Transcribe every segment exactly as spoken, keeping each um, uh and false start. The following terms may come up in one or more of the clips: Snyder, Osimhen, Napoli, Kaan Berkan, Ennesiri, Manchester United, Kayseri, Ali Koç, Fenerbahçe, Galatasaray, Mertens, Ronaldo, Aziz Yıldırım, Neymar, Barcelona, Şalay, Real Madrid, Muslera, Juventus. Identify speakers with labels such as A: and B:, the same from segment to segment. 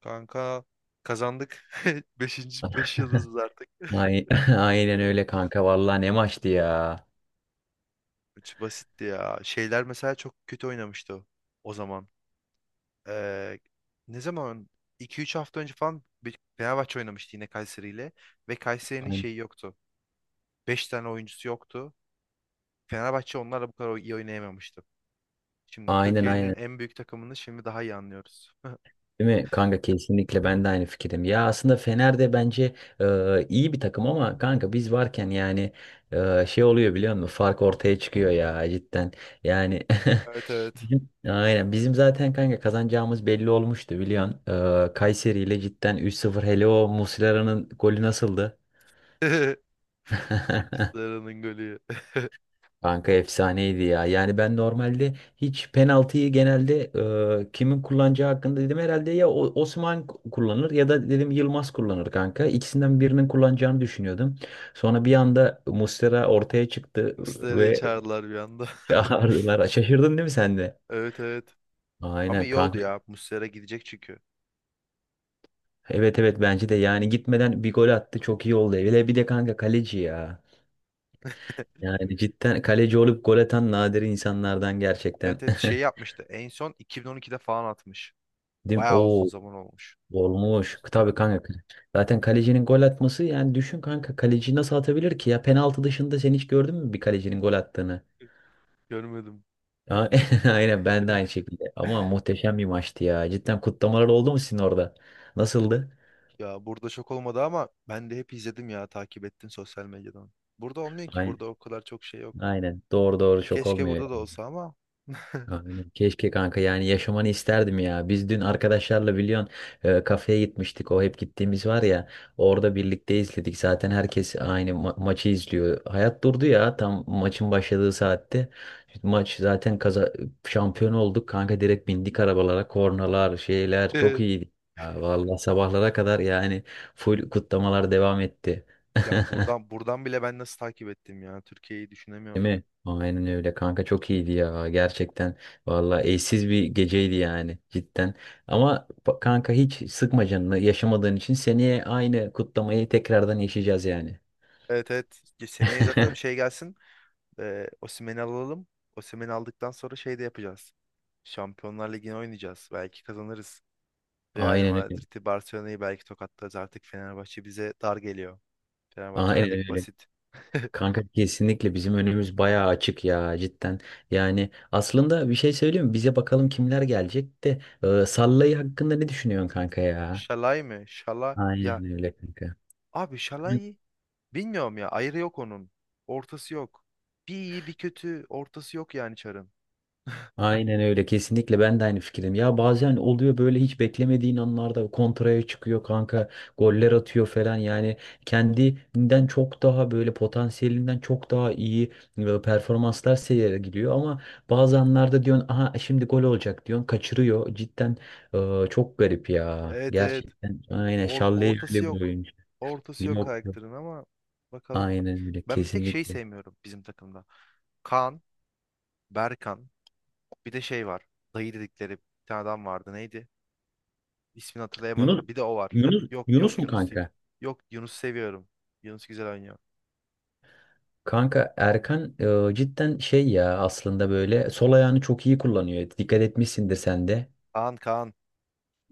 A: Kanka kazandık. Beşinci, beş yıldızız artık.
B: Ay- Aynen öyle kanka. Vallahi ne maçtı ya.
A: Üç basitti ya. Şeyler mesela çok kötü oynamıştı o, o zaman. Ee, Ne zaman? iki üç hafta önce falan bir- Fenerbahçe oynamıştı yine Kayseri ile. Ve Kayseri'nin
B: Aynen
A: şeyi yoktu. Beş tane oyuncusu yoktu. Fenerbahçe onlarla bu kadar iyi oynayamamıştı. Şimdi
B: aynen.
A: Türkiye'nin
B: aynen.
A: en büyük takımını şimdi daha iyi anlıyoruz.
B: Değil mi? Kanka kesinlikle ben de aynı fikirdim. Ya aslında Fener de bence e, iyi bir takım ama kanka biz varken yani e, şey oluyor biliyor musun? Fark ortaya çıkıyor ya cidden. Yani
A: Evet, evet.
B: bizim aynen bizim zaten kanka kazanacağımız belli olmuştu biliyorsun. E, Kayseri ile cidden üç sıfır hele o Muslera'nın golü nasıldı?
A: Muslera'nın golü.
B: Kanka efsaneydi ya. Yani ben normalde hiç penaltıyı genelde e, kimin kullanacağı hakkında dedim herhalde ya O- Osman k- kullanır ya da dedim Yılmaz kullanır kanka. İkisinden birinin kullanacağını düşünüyordum. Sonra bir anda Muslera ortaya çıktı
A: Muslera'yı
B: ve
A: çağırdılar bir anda.
B: çağırdılar. Şaşırdın değil mi sen de?
A: Evet, evet. Ama
B: Aynen
A: iyi oldu
B: kanka.
A: ya. Muslera gidecek çünkü.
B: Evet evet bence de yani gitmeden bir gol attı çok iyi oldu. Hele bir de kanka kaleci ya. Yani cidden kaleci olup gol atan nadir insanlardan
A: Evet,
B: gerçekten.
A: evet, şey yapmıştı. En son iki bin on ikide falan atmış.
B: Değil mi?
A: Bayağı uzun
B: Oo.
A: zaman olmuş.
B: Olmuş. Tabii
A: Muslera.
B: kanka. Zaten kalecinin gol atması yani düşün kanka kaleci nasıl atabilir ki ya penaltı dışında sen hiç gördün mü bir kalecinin gol attığını?
A: Görmedim.
B: A- Aynen ben de aynı şekilde. Ama muhteşem bir maçtı ya. Cidden kutlamalar oldu mu sizin orada? Nasıldı?
A: Ya burada şok olmadı ama ben de hep izledim ya, takip ettim sosyal medyadan. Burada olmuyor ki,
B: Aynen.
A: burada o kadar çok şey yok.
B: Aynen. Doğru doğru şok
A: Keşke
B: olmuyor.
A: burada da olsa ama.
B: Aynen. Keşke kanka yani yaşamanı isterdim ya. Biz dün arkadaşlarla biliyorsun e, kafeye gitmiştik. O hep gittiğimiz var ya. Orada birlikte izledik. Zaten herkes aynı ma- maçı izliyor. Hayat durdu ya tam maçın başladığı saatte. Maç zaten kaza şampiyon olduk. Kanka direkt bindik arabalara. Kornalar, şeyler çok iyiydi. Ha, vallahi sabahlara kadar yani full kutlamalar devam etti.
A: Ya buradan buradan bile ben nasıl takip ettim ya, Türkiye'yi
B: Değil
A: düşünemiyorum.
B: mi? Aynen öyle kanka çok iyiydi ya gerçekten vallahi eşsiz bir geceydi yani cidden ama ba- kanka hiç sıkma canını yaşamadığın için seneye aynı kutlamayı tekrardan yaşayacağız yani.
A: Evet, evet, seneye zaten şey gelsin. E, Osimhen'i alalım. Osimhen'i aldıktan sonra şey de yapacağız. Şampiyonlar Ligi'ni oynayacağız. Belki kazanırız. Real
B: Aynen öyle.
A: Madrid'i, Barcelona'yı belki tokatlarız. Artık Fenerbahçe bize dar geliyor. Fenerbahçe
B: Aynen
A: artık
B: öyle.
A: basit.
B: Kanka kesinlikle bizim önümüz bayağı açık ya cidden. Yani aslında bir şey söyleyeyim mi? Bize bakalım kimler gelecek de e, Sallayı hakkında ne düşünüyorsun kanka ya?
A: Şalay mı? Şala ya.
B: Aynen öyle kanka.
A: Abi Şalay bilmiyorum ya. Ayrı yok onun. Ortası yok. Bir iyi bir kötü. Ortası yok yani Çar'ın.
B: Aynen öyle kesinlikle ben de aynı fikirdim. Ya bazen oluyor böyle hiç beklemediğin anlarda kontraya çıkıyor kanka goller atıyor falan yani kendinden çok daha böyle potansiyelinden çok daha iyi e, performanslar sergiliyor ama bazı anlarda diyorsun aha şimdi gol olacak diyorsun kaçırıyor cidden e, çok garip ya
A: Evet, evet.
B: gerçekten aynen
A: Or-
B: Şalle'yi
A: ortası
B: öyle bir
A: yok.
B: oyuncu.
A: Ortası yok
B: Yok, yok.
A: karakterin ama bakalım.
B: Aynen öyle
A: Ben bir tek şey
B: kesinlikle.
A: sevmiyorum bizim takımda. Kaan Berkan. Bir de şey var. Dayı dedikleri bir tane adam vardı. Neydi? İsmini
B: Yunus
A: hatırlayamadım. Bir de o var.
B: Yunus
A: Yok,
B: Yunus
A: yok,
B: mu
A: Yunus değil.
B: kanka?
A: Yok, Yunus seviyorum. Yunus güzel oynuyor.
B: Kanka Erkan e, cidden şey ya aslında böyle sol ayağını çok iyi kullanıyor. Dikkat etmişsindir sen de.
A: Kaan Kaan.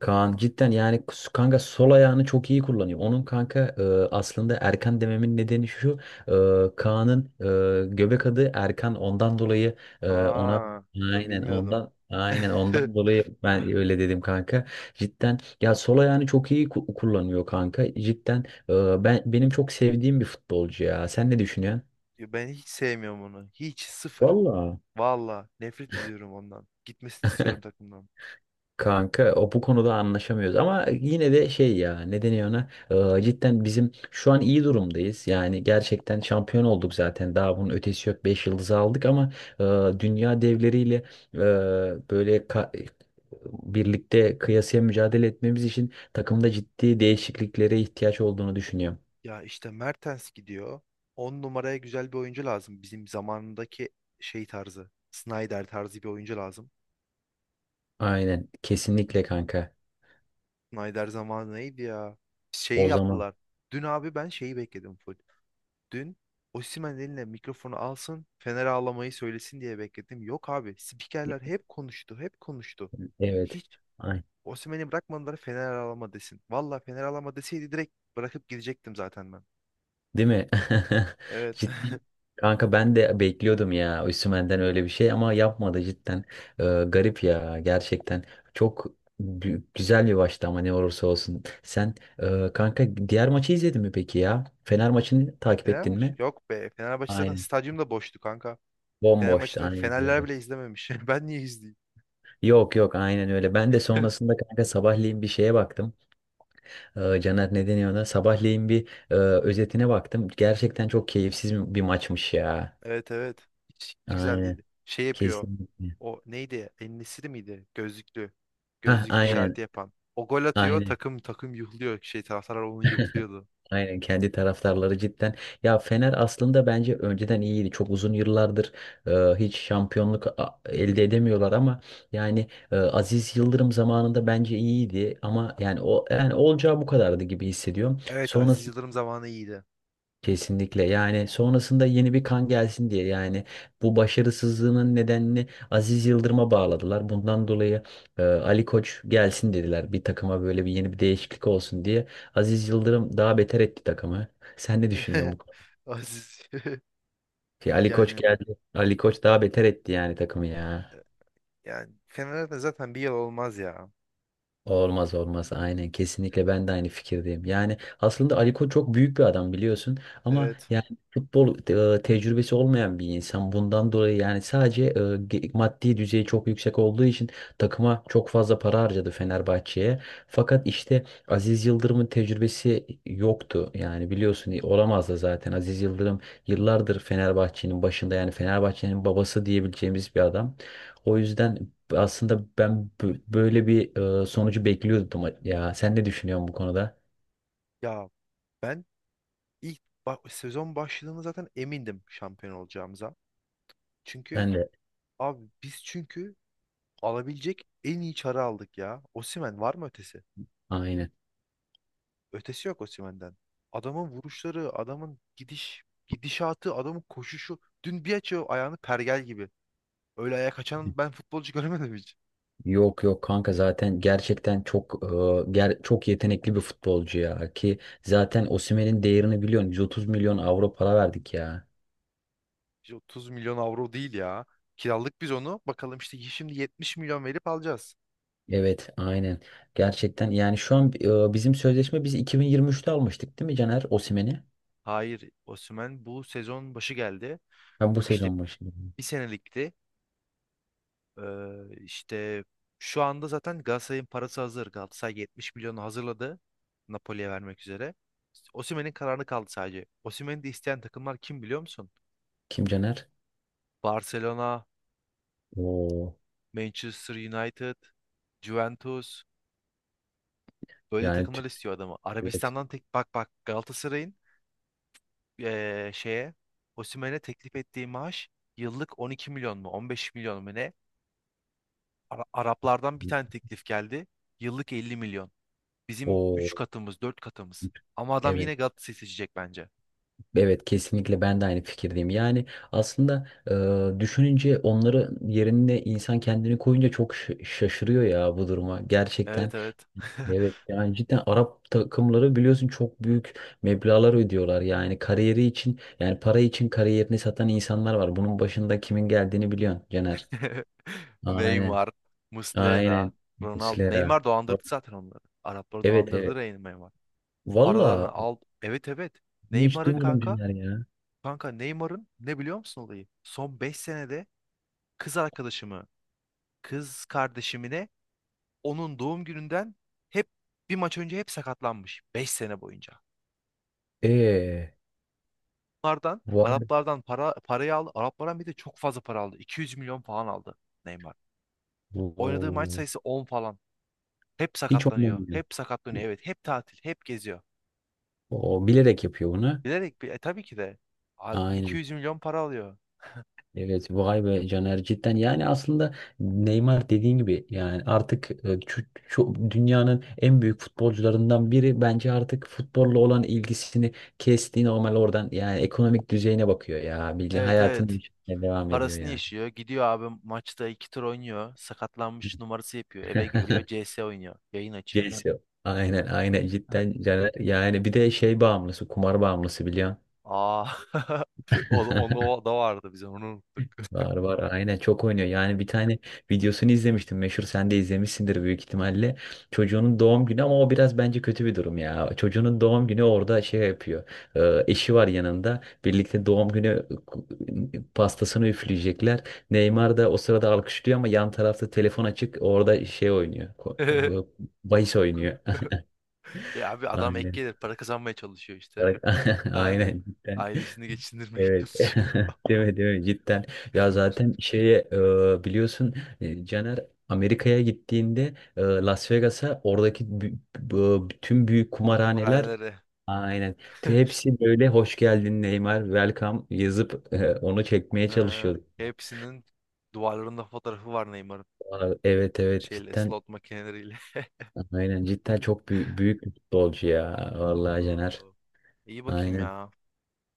B: Kaan cidden yani s- kanka sol ayağını çok iyi kullanıyor. Onun kanka e, aslında Erkan dememin nedeni şu. e, Kaan'ın e, göbek adı Erkan ondan dolayı e, ona
A: Aa, ben
B: aynen
A: bilmiyordum.
B: ondan aynen ondan dolayı ben öyle dedim kanka. Cidden ya sol ayağını çok iyi ku- kullanıyor kanka. Cidden e, ben benim çok sevdiğim bir futbolcu ya. Sen ne düşünüyorsun?
A: Ya ben hiç sevmiyorum onu. Hiç, sıfır.
B: Valla.
A: Valla nefret ediyorum ondan. Gitmesini istiyorum takımdan.
B: Kanka o bu konuda anlaşamıyoruz ama yine de şey ya ne deniyor ona. Ee, cidden bizim şu an iyi durumdayız yani gerçekten şampiyon olduk zaten daha bunun ötesi yok beş yıldızı aldık ama e, dünya devleriyle e, böyle ka- birlikte kıyasıya mücadele etmemiz için takımda ciddi değişikliklere ihtiyaç olduğunu düşünüyorum.
A: Ya işte Mertens gidiyor. On numaraya güzel bir oyuncu lazım. Bizim zamanındaki şey tarzı. Snyder tarzı bir oyuncu lazım.
B: Aynen kesinlikle kanka
A: Snyder zamanı neydi ya? Şey
B: o zaman
A: yaptılar. Dün abi ben şeyi bekledim full. Dün Osimhen eline mikrofonu alsın, Fener ağlamayı söylesin diye bekledim. Yok abi, spikerler hep konuştu, hep konuştu.
B: evet.
A: Hiç Osimhen'i bırakmadılar Fener ağlama desin. Valla Fener ağlama deseydi direkt bırakıp gidecektim zaten ben.
B: Değil mi?
A: Evet.
B: Cidden. Kanka ben de bekliyordum ya Osimhen'den öyle bir şey ama yapmadı cidden. Ee, garip ya gerçekten. Çok gü- güzel bir maçtı ama ne olursa olsun. Sen e, kanka diğer maçı izledin mi peki ya? Fener maçını takip ettin
A: Fenerbahçe?
B: mi?
A: Yok be. Fenerbahçe zaten
B: Aynen.
A: stadyum da boştu kanka. Fener
B: Bomboştu
A: maçını
B: aynen
A: Fenerler
B: öyle.
A: bile izlememiş. Ben niye izleyeyim?
B: Yok yok aynen öyle. Ben de sonrasında kanka sabahleyin bir şeye baktım. Ee, Caner ne deniyor ona? Sabahleyin bir e, özetine baktım. Gerçekten çok keyifsiz bir maçmış ya.
A: Evet, evet. Hiç, hiç güzel
B: Aynen.
A: değildi. Şey yapıyor.
B: Kesinlikle.
A: O neydi? Ennesiri miydi? Gözlüklü.
B: Heh,
A: Gözlük işareti
B: aynen,
A: yapan. O gol atıyor.
B: aynen,
A: Takım takım yuhluyor. Şey taraftarlar onu yuhluyordu.
B: aynen kendi taraftarları cidden. Ya Fener aslında bence önceden iyiydi. Çok uzun yıllardır e, hiç şampiyonluk a- elde edemiyorlar ama yani e, Aziz Yıldırım zamanında bence iyiydi ama yani o yani olacağı bu kadardı gibi hissediyorum.
A: Evet,
B: Sonra.
A: Aziz Yıldırım zamanı iyiydi.
B: Kesinlikle yani sonrasında yeni bir kan gelsin diye yani bu başarısızlığının nedenini Aziz Yıldırım'a bağladılar. Bundan dolayı e, Ali Koç gelsin dediler bir takıma böyle bir yeni bir değişiklik olsun diye. Aziz Yıldırım daha beter etti takımı. Sen ne düşünüyorsun bu konuda?
A: Aziz.
B: Ki Ali Koç
A: Yani
B: geldi. Ali Koç daha beter etti yani takımı ya.
A: yani Fener'de zaten bir yıl olmaz ya.
B: Olmaz olmaz aynen kesinlikle ben de aynı fikirdeyim. Yani aslında Ali Koç çok büyük bir adam biliyorsun ama
A: Evet.
B: yani futbol e, tecrübesi olmayan bir insan bundan dolayı yani sadece e, ge- maddi düzeyi çok yüksek olduğu için takıma çok fazla para harcadı Fenerbahçe'ye. Fakat işte Aziz Yıldırım'ın tecrübesi yoktu yani biliyorsun e, olamaz da zaten Aziz Yıldırım yıllardır Fenerbahçe'nin başında yani Fenerbahçe'nin babası diyebileceğimiz bir adam. O yüzden aslında ben bö- böyle bir e, sonucu bekliyordum ya. Sen ne düşünüyorsun bu konuda?
A: Ya ben ilk ba- sezon başladığında zaten emindim şampiyon olacağımıza. Çünkü
B: Ben de
A: abi biz çünkü alabilecek en iyi çarı aldık ya. Osimhen var mı ötesi?
B: aynı.
A: Ötesi yok Osimhen'den. Adamın vuruşları, adamın gidiş, gidişatı, adamın koşuşu. Dün bir açıyor ayağını pergel gibi. Öyle ayak açan ben futbolcu görmedim hiç.
B: Yok yok kanka zaten gerçekten çok e, ger- çok yetenekli bir futbolcu ya ki zaten Osimhen'in değerini biliyorsun yüz otuz milyon avro para verdik ya.
A: İşte otuz milyon avro değil ya. Kiralık biz onu. Bakalım işte şimdi yetmiş milyon verip alacağız.
B: Evet aynen. Gerçekten yani şu an e, bizim sözleşme biz iki bin yirmi üçte almıştık değil mi Caner Osimhen'i?
A: Hayır, Osimhen bu sezon başı geldi.
B: Ha bu
A: İşte
B: sezon başı.
A: bir senelikti. Ee, işte şu anda zaten Galatasaray'ın parası hazır. Galatasaray yetmiş milyonu hazırladı Napoli'ye vermek üzere. İşte Osimhen'in kararı kaldı sadece. Osimhen'i de isteyen takımlar kim biliyor musun?
B: Kim Caner?
A: Barcelona,
B: Oo
A: Manchester United, Juventus böyle
B: yani tü-
A: takımlar istiyor adamı.
B: evet.
A: Arabistan'dan tek bak bak Galatasaray'ın eee, şeye Osimhen'e teklif ettiği maaş yıllık on iki milyon mu, on beş milyon mu ne? Ara- Araplardan bir tane teklif geldi. Yıllık elli milyon. Bizim
B: O
A: üç katımız, dört katımız. Ama adam
B: evet.
A: yine Galatasaray seçecek bence.
B: Evet kesinlikle ben de aynı fikirdeyim. Yani aslında e, düşününce onları yerine insan kendini koyunca çok ş- şaşırıyor ya bu duruma gerçekten.
A: Evet, evet.
B: Evet yani cidden Arap takımları biliyorsun çok büyük meblağlar ödüyorlar. Yani kariyeri için yani para için kariyerini satan insanlar var. Bunun başında kimin geldiğini biliyorsun Caner. Aynen
A: Neymar, Muslera,
B: aynen
A: Ronaldo.
B: Muslera.
A: Neymar dolandırdı zaten onları. Arapları
B: Evet
A: dolandırdı
B: evet.
A: Rey- Neymar. Paralarını
B: Valla
A: al. Evet, evet.
B: bunu hiç
A: Neymar'ın
B: duymadım
A: kanka.
B: Caner ya.
A: Kanka Neymar'ın ne biliyor musun olayı? Son beş senede kız arkadaşımı, kız kardeşimine onun doğum gününden hep bir maç önce hep sakatlanmış. Beş sene boyunca.
B: Eee.
A: Araplardan
B: Vay.
A: Araplardan para parayı aldı. Araplardan bir de çok fazla para aldı. iki yüz milyon falan aldı Neymar. Oynadığı maç sayısı on falan. Hep
B: Hiç
A: sakatlanıyor.
B: oynamıyor.
A: Hep sakatlanıyor. Evet, hep tatil, hep geziyor.
B: O bilerek yapıyor bunu.
A: Bilerek bir e, tabii ki de A-
B: Aynen.
A: iki yüz milyon para alıyor.
B: Evet vay be Caner cidden yani aslında Neymar dediğin gibi yani artık e, şu- şu dünyanın en büyük futbolcularından biri bence artık futbolla olan ilgisini kesti normal oradan yani ekonomik düzeyine bakıyor ya bildiğin
A: Evet,
B: hayatını
A: evet.
B: yaşamaya devam ediyor
A: Parasını
B: yani.
A: yaşıyor. Gidiyor abi maçta iki tur oynuyor. Sakatlanmış numarası yapıyor. Eve geliyor. C S oynuyor. Yayın açıyor.
B: Celsio. Aynen aynen cidden Caner yani bir de şey bağımlısı kumar bağımlısı biliyorsun.
A: Aa. O, onu o da vardı bizim. Onu unuttuk.
B: Var var aynen çok oynuyor. Yani bir tane videosunu izlemiştim. Meşhur sen de izlemişsindir büyük ihtimalle. Çocuğunun doğum günü ama o biraz bence kötü bir durum ya. Çocuğunun doğum günü orada şey yapıyor. Ee, eşi var yanında. Birlikte doğum günü pastasını üfleyecekler. Neymar da o sırada alkışlıyor ama yan tarafta telefon açık. Orada şey oynuyor. Ko- Bahis oynuyor.
A: Ya abi adam ek
B: Aynen.
A: gelir para kazanmaya çalışıyor işte. Daha ne?
B: Aynen.
A: Ailesini geçindirmeye
B: Evet.
A: çalışıyor.
B: Değil mi, değil mi? Cidden. Ya zaten şeye e, biliyorsun e, Caner Amerika'ya gittiğinde e, Las Vegas'a oradaki bü- bu- bütün büyük kumarhaneler
A: Kumarhanelere.
B: aynen Te- hepsi böyle hoş geldin Neymar welcome yazıp e, onu çekmeye
A: Ha,
B: çalışıyorduk.
A: hepsinin duvarlarında fotoğrafı var Neymar'ın.
B: Aa, evet evet
A: Şeyle,
B: cidden
A: slot makineleriyle.
B: aynen cidden çok büyük, büyük bir futbolcu ya vallahi Caner.
A: Oo, İyi bakayım
B: Aynen.
A: ya.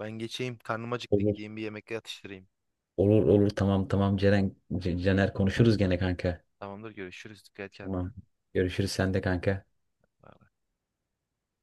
A: Ben geçeyim. Karnım acıktı.
B: Olur
A: Gideyim bir yemek atıştırayım.
B: olur olur tamam tamam Ceren C- Caner konuşuruz gene kanka.
A: Tamamdır. Görüşürüz. Dikkat et kendine.
B: Tamam. Görüşürüz sen de kanka.
A: Bye.